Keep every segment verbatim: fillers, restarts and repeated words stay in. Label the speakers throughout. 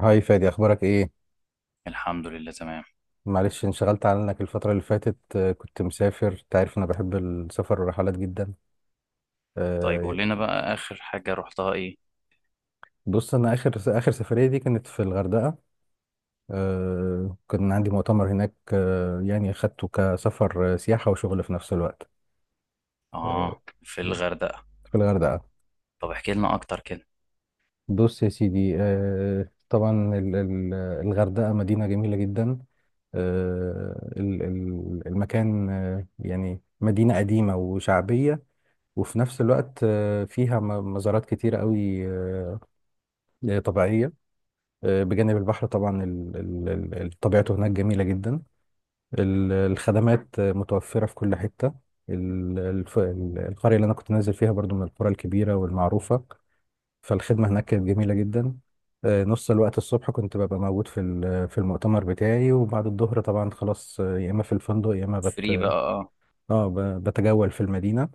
Speaker 1: هاي فادي، اخبارك ايه؟
Speaker 2: الحمد لله، تمام.
Speaker 1: معلش انشغلت عنك الفترة اللي فاتت. آه، كنت مسافر. انت عارف انا بحب السفر والرحلات جدا.
Speaker 2: طيب
Speaker 1: آه،
Speaker 2: قول لنا بقى آخر حاجة رحتها إيه؟
Speaker 1: بص انا اخر اخر سفرية دي كانت في الغردقة. آه، كان عندي مؤتمر هناك، آه، يعني اخدته كسفر، آه، سياحة وشغل في نفس الوقت. آه،
Speaker 2: آه. في الغردقة.
Speaker 1: في الغردقة.
Speaker 2: طب احكي لنا أكتر كده.
Speaker 1: بص يا سيدي، آه، طبعا. ال- ال- الغردقة مدينة جميلة جدا. آه، ال- ال- المكان، آه، يعني مدينة قديمة وشعبية، وفي نفس الوقت آه، فيها م- مزارات كتيرة قوي، آه، طبيعية. آه، بجانب البحر طبعا، ال- ال- ال- ال- طبيعته هناك جميلة جدا. ال- الخدمات آه، متوفرة في كل حتة. ال- الف- ال- القرية اللي أنا كنت نازل فيها برضو من القرى الكبيرة والمعروفة، فالخدمة هناك كانت جميلة جدا. آه، نص الوقت الصبح كنت ببقى موجود في ال- في المؤتمر بتاعي، وبعد الظهر طبعا خلاص، آه، يا إما في الفندق يا إما بت
Speaker 2: فري بقى، آه.
Speaker 1: اه ب- بتجول في المدينة.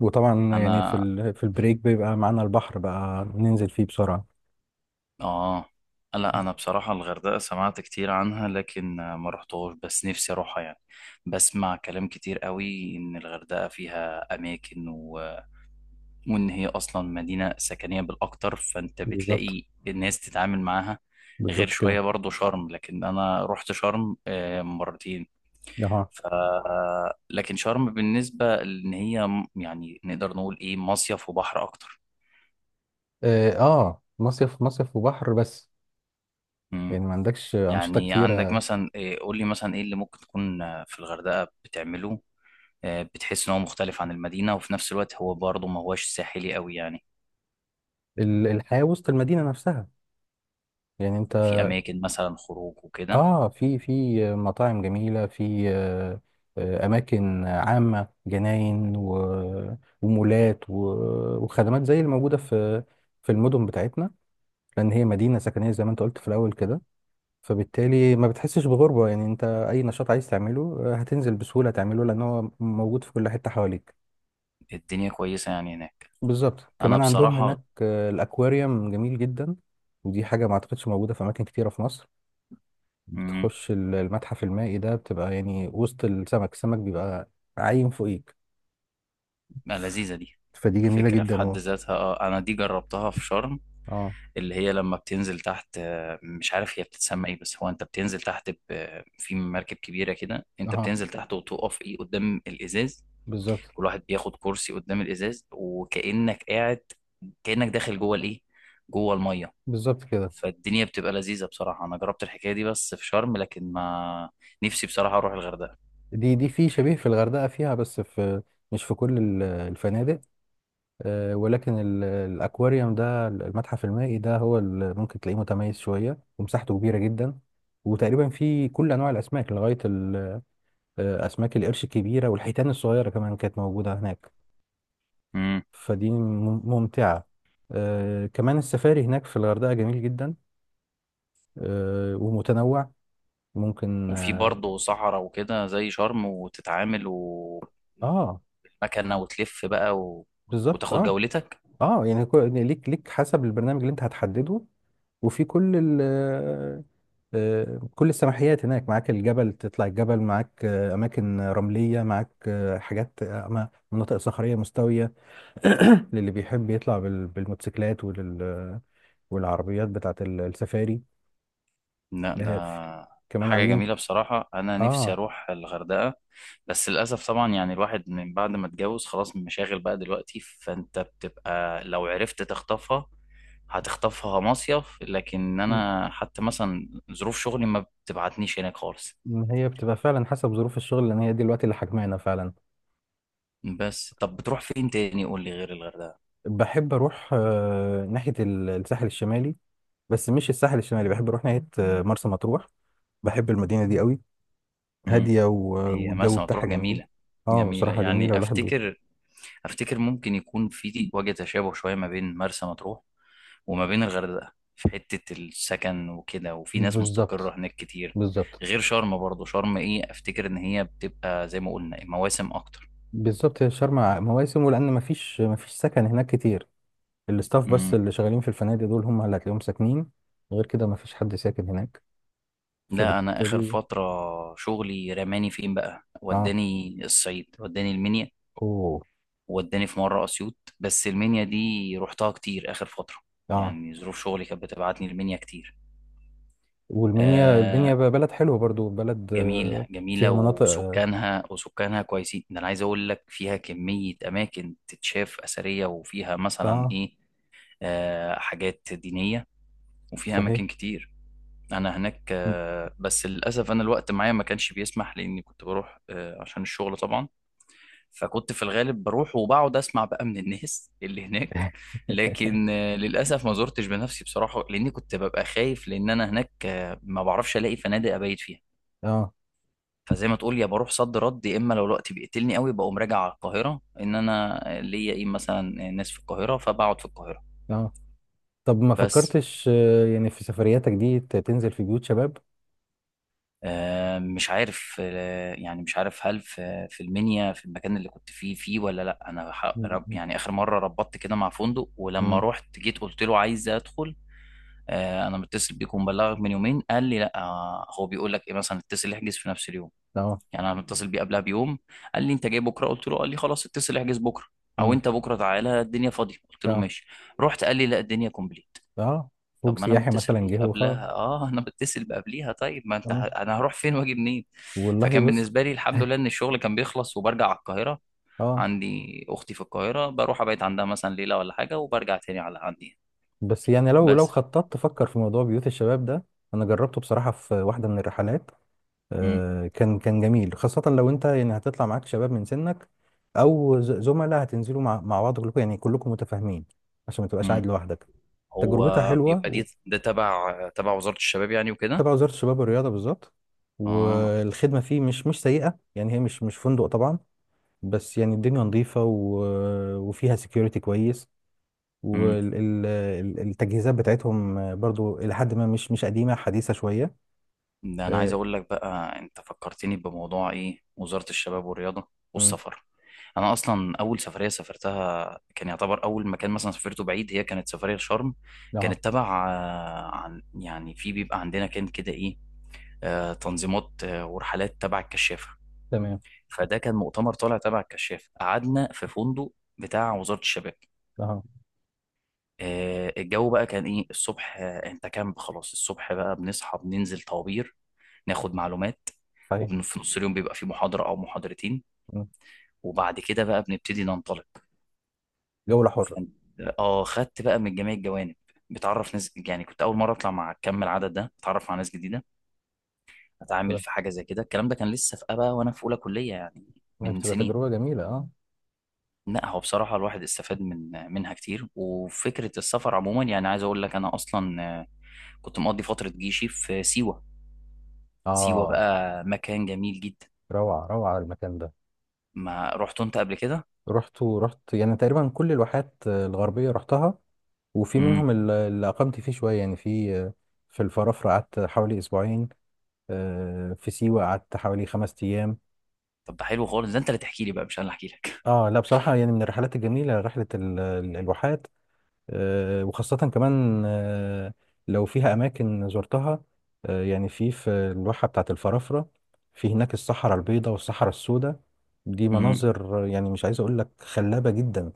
Speaker 1: وطبعا يعني في
Speaker 2: أنا
Speaker 1: ال... في البريك بيبقى معانا البحر، بقى ننزل فيه بسرعة.
Speaker 2: آه لا، أنا بصراحة الغردقة سمعت كتير عنها، لكن آه، ما رحتهاش، بس نفسي أروحها يعني. بسمع كلام كتير قوي إن الغردقة فيها أماكن، وان هي اصلا مدينه سكنيه بالاكتر، فانت
Speaker 1: بالظبط،
Speaker 2: بتلاقي الناس تتعامل معاها غير
Speaker 1: بالظبط كده.
Speaker 2: شويه. برضو شرم، لكن انا رحت شرم آه، مرتين.
Speaker 1: اها.
Speaker 2: ف لكن شرم بالنسبه ان هي م- يعني نقدر نقول ايه، مصيف وبحر اكتر.
Speaker 1: اه، آه، مصيف مصيف وبحر بس.
Speaker 2: مم.
Speaker 1: يعني ما عندكش أنشطة
Speaker 2: يعني عندك
Speaker 1: كتيرة.
Speaker 2: مثلا إيه، قول لي مثلا ايه اللي ممكن تكون آه، في الغردقه بتعمله. آه، بتحس ان هو مختلف عن المدينه، وفي نفس الوقت هو برضه ما هواش ساحلي قوي يعني.
Speaker 1: ال- الحياة وسط المدينة نفسها، يعني انت،
Speaker 2: في اماكن مثلا خروج وكده.
Speaker 1: اه، في في مطاعم جميلة في، آه، آه، أماكن عامة، جناين و... ومولات و... وخدمات زي اللي موجودة في في المدن بتاعتنا، لأن هي مدينة سكنية زي ما انت قلت في الأول كده، فبالتالي ما بتحسش بغربة، يعني انت اي نشاط عايز تعمله آه، هتنزل بسهولة تعمله، لان هو موجود في كل حتة حواليك.
Speaker 2: الدنيا كويسه يعني هناك.
Speaker 1: بالظبط،
Speaker 2: انا
Speaker 1: كمان عندهم
Speaker 2: بصراحه.
Speaker 1: هناك آه، الاكواريوم جميل جدا، ودي حاجة ما اعتقدش موجودة في اماكن كتيرة في مصر.
Speaker 2: مم.
Speaker 1: بتخش ال- المتحف المائي ده، بتبقى يعني وسط السمك، السمك بيبقى عايم فوقيك،
Speaker 2: لذيذه دي،
Speaker 1: فدي جميلة
Speaker 2: فكره في
Speaker 1: جدا
Speaker 2: حد
Speaker 1: و...
Speaker 2: ذاتها. اه انا دي جربتها في شرم،
Speaker 1: اه،
Speaker 2: اللي هي لما بتنزل تحت، آه، مش عارف هي بتتسمى ايه، بس هو انت بتنزل تحت ب- آه، في مركب كبيره كده، انت
Speaker 1: اه،
Speaker 2: بتنزل تحت وتقف ايه قدام الازاز.
Speaker 1: بالظبط،
Speaker 2: كل واحد بياخد كرسي قدام الازاز، وكانك قاعد، كانك داخل جوه الايه، جوه الميه.
Speaker 1: بالظبط كده.
Speaker 2: فالدنيا بتبقى لذيذه بصراحه، انا جربت الحكايه دي بس في شرم، لكن ما نفسي بصراحه اروح الغردقه.
Speaker 1: دي دي في شبيه في الغردقة، فيها بس في، مش في كل ال- الفنادق. آه، ولكن ال- الأكواريوم ده، المتحف المائي ده، هو اللي ممكن تلاقيه متميز شوية، ومساحته كبيرة جدا، وتقريبا فيه كل أنواع الأسماك لغاية ال- آه، أسماك القرش الكبيرة، والحيتان الصغيرة كمان كانت موجودة هناك. فدي مم- ممتعة. آه، كمان السفاري هناك في الغردقة جميل جدا، آه، ومتنوع. ممكن
Speaker 2: وفي
Speaker 1: اه.
Speaker 2: برضه صحراء وكده زي شرم، وتتعامل ومكنة،
Speaker 1: آه،
Speaker 2: وتلف بقى و...
Speaker 1: بالظبط
Speaker 2: وتاخد
Speaker 1: اه.
Speaker 2: جولتك.
Speaker 1: اه يعني كو- ليك ليك حسب البرنامج اللي انت هتحدده، وفي كل ال آه، آه، كل السماحيات هناك معاك، الجبل تطلع الجبل معاك، آه، أماكن رملية معاك، آه، حاجات، آه، أما- مناطق صخرية مستوية. للي بيحب يطلع بال- بالموتوسيكلات ولل- والعربيات بتاعت ال- السفاري.
Speaker 2: لا، ده
Speaker 1: آه، ف- كمان
Speaker 2: حاجة
Speaker 1: عاملين.
Speaker 2: جميلة بصراحة، أنا نفسي
Speaker 1: اه،
Speaker 2: أروح الغردقة، بس للأسف طبعا، يعني الواحد من بعد ما اتجوز خلاص مشاغل بقى دلوقتي، فأنت بتبقى لو عرفت تخطفها هتخطفها مصيف، لكن
Speaker 1: م-
Speaker 2: أنا حتى مثلا ظروف شغلي ما بتبعتنيش هناك خالص.
Speaker 1: م- هي بتبقى فعلا حسب ظروف الشغل، لأن هي دي الوقت اللي حجمانا فعلا.
Speaker 2: بس طب بتروح فين تاني؟ قول لي غير الغردقة.
Speaker 1: بحب أروح آه، ناحية ال- الساحل الشمالي، بس مش الساحل الشمالي، بحب أروح ناحية آه، مرسى مطروح، بحب المدينة دي قوي.
Speaker 2: مم.
Speaker 1: هادية و-
Speaker 2: هي
Speaker 1: والجو
Speaker 2: مرسى مطروح
Speaker 1: بتاعها جميل.
Speaker 2: جميلة،
Speaker 1: اه
Speaker 2: جميلة
Speaker 1: بصراحة جميلة،
Speaker 2: يعني.
Speaker 1: والواحد بي...
Speaker 2: أفتكر، أفتكر ممكن يكون في وجه تشابه شوية ما بين مرسى مطروح وما بين الغردقة في حتة السكن وكده، وفي ناس مستقرة
Speaker 1: بالظبط،
Speaker 2: هناك كتير.
Speaker 1: بالظبط،
Speaker 2: غير شرم، برضو شرم إيه، أفتكر إن هي بتبقى زي ما قلنا مواسم أكتر.
Speaker 1: بالظبط، هي شرم مواسم، ولأن مفيش مفيش سكن هناك كتير. الاستاف بس
Speaker 2: مم.
Speaker 1: اللي شغالين في الفنادق دول، هم اللي هتلاقيهم ساكنين، غير كده مفيش حد ساكن هناك،
Speaker 2: لا، أنا آخر
Speaker 1: فبالتالي...
Speaker 2: فترة شغلي رماني فين بقى،
Speaker 1: اه.
Speaker 2: وداني الصعيد، وداني المنيا،
Speaker 1: اوه.
Speaker 2: ووداني في مرة أسيوط، بس المنيا دي رحتها كتير آخر فترة.
Speaker 1: اه.
Speaker 2: يعني ظروف شغلي كانت بتبعتني المنيا كتير.
Speaker 1: والمنيا المنيا
Speaker 2: آه،
Speaker 1: بقى بلد حلوة برضو، بلد
Speaker 2: جميلة
Speaker 1: آه، فيها
Speaker 2: جميلة،
Speaker 1: مناطق اه،
Speaker 2: وسكانها وسكانها كويسين. ده أنا عايز أقول لك فيها كمية أماكن تتشاف أثرية، وفيها مثلا
Speaker 1: آه،
Speaker 2: إيه، آه حاجات دينية، وفيها
Speaker 1: صحيح.
Speaker 2: أماكن كتير. أنا هناك،
Speaker 1: م-
Speaker 2: آه بس للأسف أنا الوقت معايا ما كانش بيسمح، لأني كنت بروح آه عشان الشغل طبعا. فكنت في الغالب بروح، وبقعد اسمع بقى من الناس اللي هناك. لكن آه، للاسف ما زرتش بنفسي بصراحه، لاني كنت ببقى خايف، لان انا هناك آه، ما بعرفش الاقي فنادق ابيت فيها.
Speaker 1: اه،
Speaker 2: فزي ما تقول، يا بروح صد رد، يا اما لو الوقت بيقتلني قوي بقوم راجع على القاهره، ان انا ليا ايه مثلا ناس في القاهره فبقعد في القاهره.
Speaker 1: اه. طب، ما
Speaker 2: بس
Speaker 1: فكرتش آه، يعني في سفرياتك دي ت- تنزل في بيوت شباب؟
Speaker 2: آه، مش عارف، آه، يعني مش عارف هل في في المنيا في المكان اللي كنت فيه فيه ولا لا، انا ح- رب-
Speaker 1: م-
Speaker 2: يعني اخر مره ربطت كده مع فندق، ولما
Speaker 1: م-
Speaker 2: رحت جيت قلت له عايز ادخل. آه، انا متصل بيك ومبلغك من يومين. قال لي لا، آه، هو بيقول لك ايه مثلا اتصل احجز في نفس اليوم.
Speaker 1: اه،
Speaker 2: يعني انا متصل بيه قبلها بيوم. قال لي انت جاي بكره؟ قلت له قال لي خلاص اتصل احجز بكره، او
Speaker 1: امم
Speaker 2: انت بكره تعالى الدنيا فاضيه. قلت له
Speaker 1: اه،
Speaker 2: ماشي. رحت، قال لي لا الدنيا كومبليت.
Speaker 1: اه، فوق
Speaker 2: طب ما انا
Speaker 1: سياحي
Speaker 2: متصل
Speaker 1: مثلا
Speaker 2: بيك
Speaker 1: جه وخلاص.
Speaker 2: قبلها، اه انا متصل بقبليها. طيب ما انت
Speaker 1: اه
Speaker 2: ه- انا هروح فين واجي منين.
Speaker 1: والله،
Speaker 2: فكان
Speaker 1: بص.
Speaker 2: بالنسبه لي، الحمد لله، ان الشغل كان بيخلص وبرجع على القاهره.
Speaker 1: اه.
Speaker 2: عندي اختي في القاهره، بروح ابيت عندها مثلا ليله ولا حاجه، وبرجع تاني على عندي.
Speaker 1: بس يعني لو لو
Speaker 2: بس.
Speaker 1: خططت، تفكر في موضوع بيوت الشباب ده، انا جربته بصراحة في واحدة من الرحلات. آه، كان كان جميل، خاصة لو انت يعني هتطلع معاك شباب من سنك، او ز- زملاء هتنزلوا مع مع بعض، كلكم يعني كلكم متفاهمين، عشان ما تبقاش قاعد
Speaker 2: مم.
Speaker 1: لوحدك.
Speaker 2: هو
Speaker 1: تجربتها حلوة
Speaker 2: بيبقى
Speaker 1: و-
Speaker 2: دي ده تبع تبع وزارة الشباب يعني وكده.
Speaker 1: تبع وزارة الشباب والرياضة بالظبط.
Speaker 2: اه.
Speaker 1: والخدمة فيه مش مش سيئة، يعني هي مش مش فندق طبعا، بس يعني الدنيا نظيفة و... وفيها سكيورتي كويس،
Speaker 2: امم
Speaker 1: والتجهيزات بتاعتهم برضو إلى حد ما مش مش قديمة، حديثة شوية.
Speaker 2: ده انا عايز
Speaker 1: آه،
Speaker 2: اقول لك بقى، انت فكرتني بموضوع ايه، وزارة الشباب والرياضة
Speaker 1: مم.
Speaker 2: والسفر. انا اصلا اول سفرية سافرتها، كان يعتبر اول مكان مثلا سافرته بعيد، هي كانت سفرية شرم.
Speaker 1: أها.
Speaker 2: كانت تبع آه، عن يعني في بيبقى عندنا كان كده ايه، آه، تنظيمات آه، ورحلات تبع الكشافة.
Speaker 1: تمام.
Speaker 2: فده كان مؤتمر طالع تبع الكشافة، قعدنا في فندق بتاع وزارة الشباب.
Speaker 1: أها.
Speaker 2: آه، الجو بقى كان ايه الصبح، آه، انت كامب خلاص، الصبح بقى بنصحى بننزل طوابير، ناخد معلومات،
Speaker 1: صحيح.
Speaker 2: وفي نص اليوم بيبقى في محاضرة او محاضرتين،
Speaker 1: مم.
Speaker 2: وبعد كده بقى بنبتدي ننطلق.
Speaker 1: جولة حرة.
Speaker 2: فانت اه خدت بقى من جميع الجوانب، بتعرف ناس، يعني كنت اول مره اطلع مع كم العدد ده، اتعرف على ناس جديده، اتعامل
Speaker 1: تمام.
Speaker 2: في حاجه زي كده. الكلام ده كان لسه في ابا وانا في اولى كليه يعني،
Speaker 1: ما هي
Speaker 2: من
Speaker 1: بتبقى
Speaker 2: سنين.
Speaker 1: تجربة جميلة أه.
Speaker 2: لا، هو بصراحه الواحد استفاد من منها كتير، وفكره السفر عموما يعني عايز اقول لك انا اصلا، آه، كنت مقضي فتره جيشي في سيوه. سيوة
Speaker 1: أه،
Speaker 2: بقى مكان جميل جدا.
Speaker 1: روعة روعة المكان ده.
Speaker 2: ما رحت انت قبل كده؟
Speaker 1: رحت ورحت يعني تقريبا كل الواحات آه، الغربية رحتها، وفي
Speaker 2: امم
Speaker 1: منهم ال- اللي أقمت فيه شوية، يعني في آه، في الفرافرة قعدت حوالي أسبوعين، آه، في سيوة قعدت حوالي خمس أيام.
Speaker 2: طب ده حلو خالص، ده انت اللي تحكي لي بقى مش انا اللي احكي لك
Speaker 1: اه لا بصراحة، يعني من الرحلات الجميلة رحلة ال- ال- الواحات، آه، وخاصة كمان، آه، لو فيها أماكن زرتها، آه، يعني في في الواحة بتاعة الفرافرة. في هناك الصحراء البيضاء والصحراء السوداء، دي
Speaker 2: امم
Speaker 1: مناظر آه، يعني مش عايز أقول لك خلابة جدا،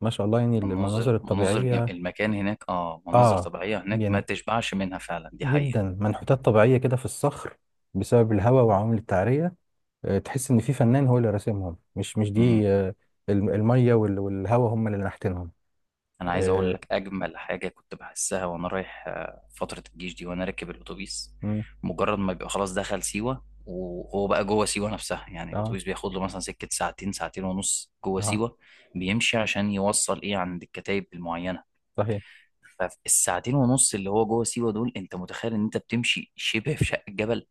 Speaker 1: ما شاء الله يعني المناظر
Speaker 2: مناظر مناظر جم...
Speaker 1: الطبيعية.
Speaker 2: المكان هناك، اه مناظر
Speaker 1: اه،
Speaker 2: طبيعية هناك ما
Speaker 1: يعني
Speaker 2: تشبعش منها فعلا، دي
Speaker 1: جدا
Speaker 2: حقيقة.
Speaker 1: منحوتات طبيعية كده في الصخر، بسبب الهواء وعوامل التعرية، آه، تحس إن في فنان هو اللي راسمهم، مش مش
Speaker 2: امم
Speaker 1: دي آه، الم- المية وال- والهواء هم اللي نحتينهم.
Speaker 2: انا عايز اقول
Speaker 1: اه،
Speaker 2: لك اجمل حاجة كنت بحسها وانا رايح آه، فترة الجيش دي وانا راكب الاتوبيس.
Speaker 1: مم،
Speaker 2: مجرد ما بيبقى خلاص دخل سيوة وهو بقى جوه سيوة نفسها، يعني
Speaker 1: اه،
Speaker 2: الاتوبيس بياخد له مثلا سكة ساعتين، ساعتين ونص جوه
Speaker 1: اه،
Speaker 2: سيوة، بيمشي عشان يوصل ايه عند الكتايب المعينة.
Speaker 1: صحيح،
Speaker 2: فالساعتين ونص اللي هو جوه سيوه دول، انت متخيل ان انت بتمشي شبه في شق الجبل،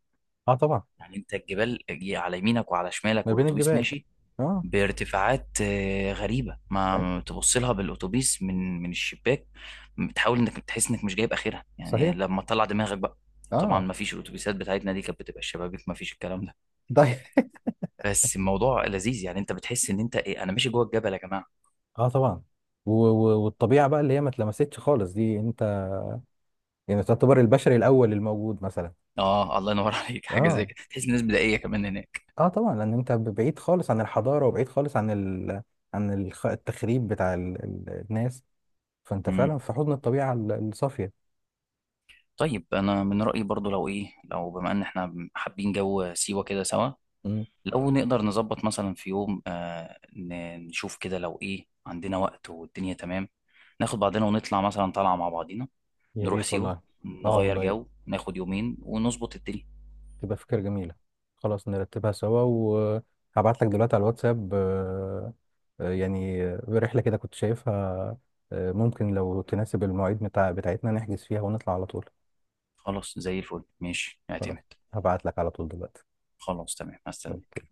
Speaker 1: اه طبعا.
Speaker 2: يعني انت الجبال جي- على يمينك وعلى
Speaker 1: ما
Speaker 2: شمالك،
Speaker 1: بين
Speaker 2: والاتوبيس
Speaker 1: الجبال.
Speaker 2: ماشي
Speaker 1: اه،
Speaker 2: بارتفاعات آه، غريبه،
Speaker 1: أي،
Speaker 2: ما تبص لها بالاتوبيس من من الشباك. بتحاول انك تحس انك مش جايب اخرها يعني،
Speaker 1: صحيح
Speaker 2: لما تطلع دماغك بقى. طبعا
Speaker 1: اه
Speaker 2: ما فيش، الاتوبيسات بتاعتنا دي كانت بتبقى الشبابيك ما فيش الكلام ده.
Speaker 1: طيب.
Speaker 2: بس الموضوع لذيذ، يعني انت بتحس ان انت ايه، انا ماشي جوه الجبل يا جماعه.
Speaker 1: اه طبعا، و و والطبيعه بقى اللي هي ما اتلمستش خالص، دي انت يعني تعتبر البشري الاول الموجود مثلا.
Speaker 2: اه، الله ينور عليك، حاجه زي
Speaker 1: اه،
Speaker 2: كده تحس الناس بدائيه كمان هناك.
Speaker 1: اه طبعا، لان انت ب- بعيد خالص عن الحضاره، وبعيد خالص عن ال عن الخ- التخريب بتاع ال ال الناس، فانت فعلا في حضن الطبيعه ال- الصافيه.
Speaker 2: طيب، انا من رايي برضو لو ايه، لو بما ان احنا حابين جو سيوه كده سوا،
Speaker 1: مم.
Speaker 2: لو نقدر نظبط مثلا في يوم آه ن- نشوف كده لو ايه عندنا وقت والدنيا تمام، ناخد بعضنا ونطلع مثلا طالعه مع بعضينا،
Speaker 1: يا
Speaker 2: نروح
Speaker 1: ريت
Speaker 2: سيوه
Speaker 1: والله. اه
Speaker 2: نغير
Speaker 1: والله،
Speaker 2: جو، ناخد يومين ونظبط الدنيا.
Speaker 1: تبقى فكرة جميلة. خلاص، نرتبها سوا، وهبعت لك دلوقتي على الواتساب. آه، آه، يعني آه، رحلة كده كنت شايفها، آه، ممكن لو تناسب المواعيد بتاع بتاعتنا نحجز فيها ونطلع على طول.
Speaker 2: خلاص، زي الفل، ماشي،
Speaker 1: خلاص،
Speaker 2: اعتمد.
Speaker 1: هبعت لك على طول دلوقتي.
Speaker 2: خلاص تمام، هستنى.
Speaker 1: أوكي.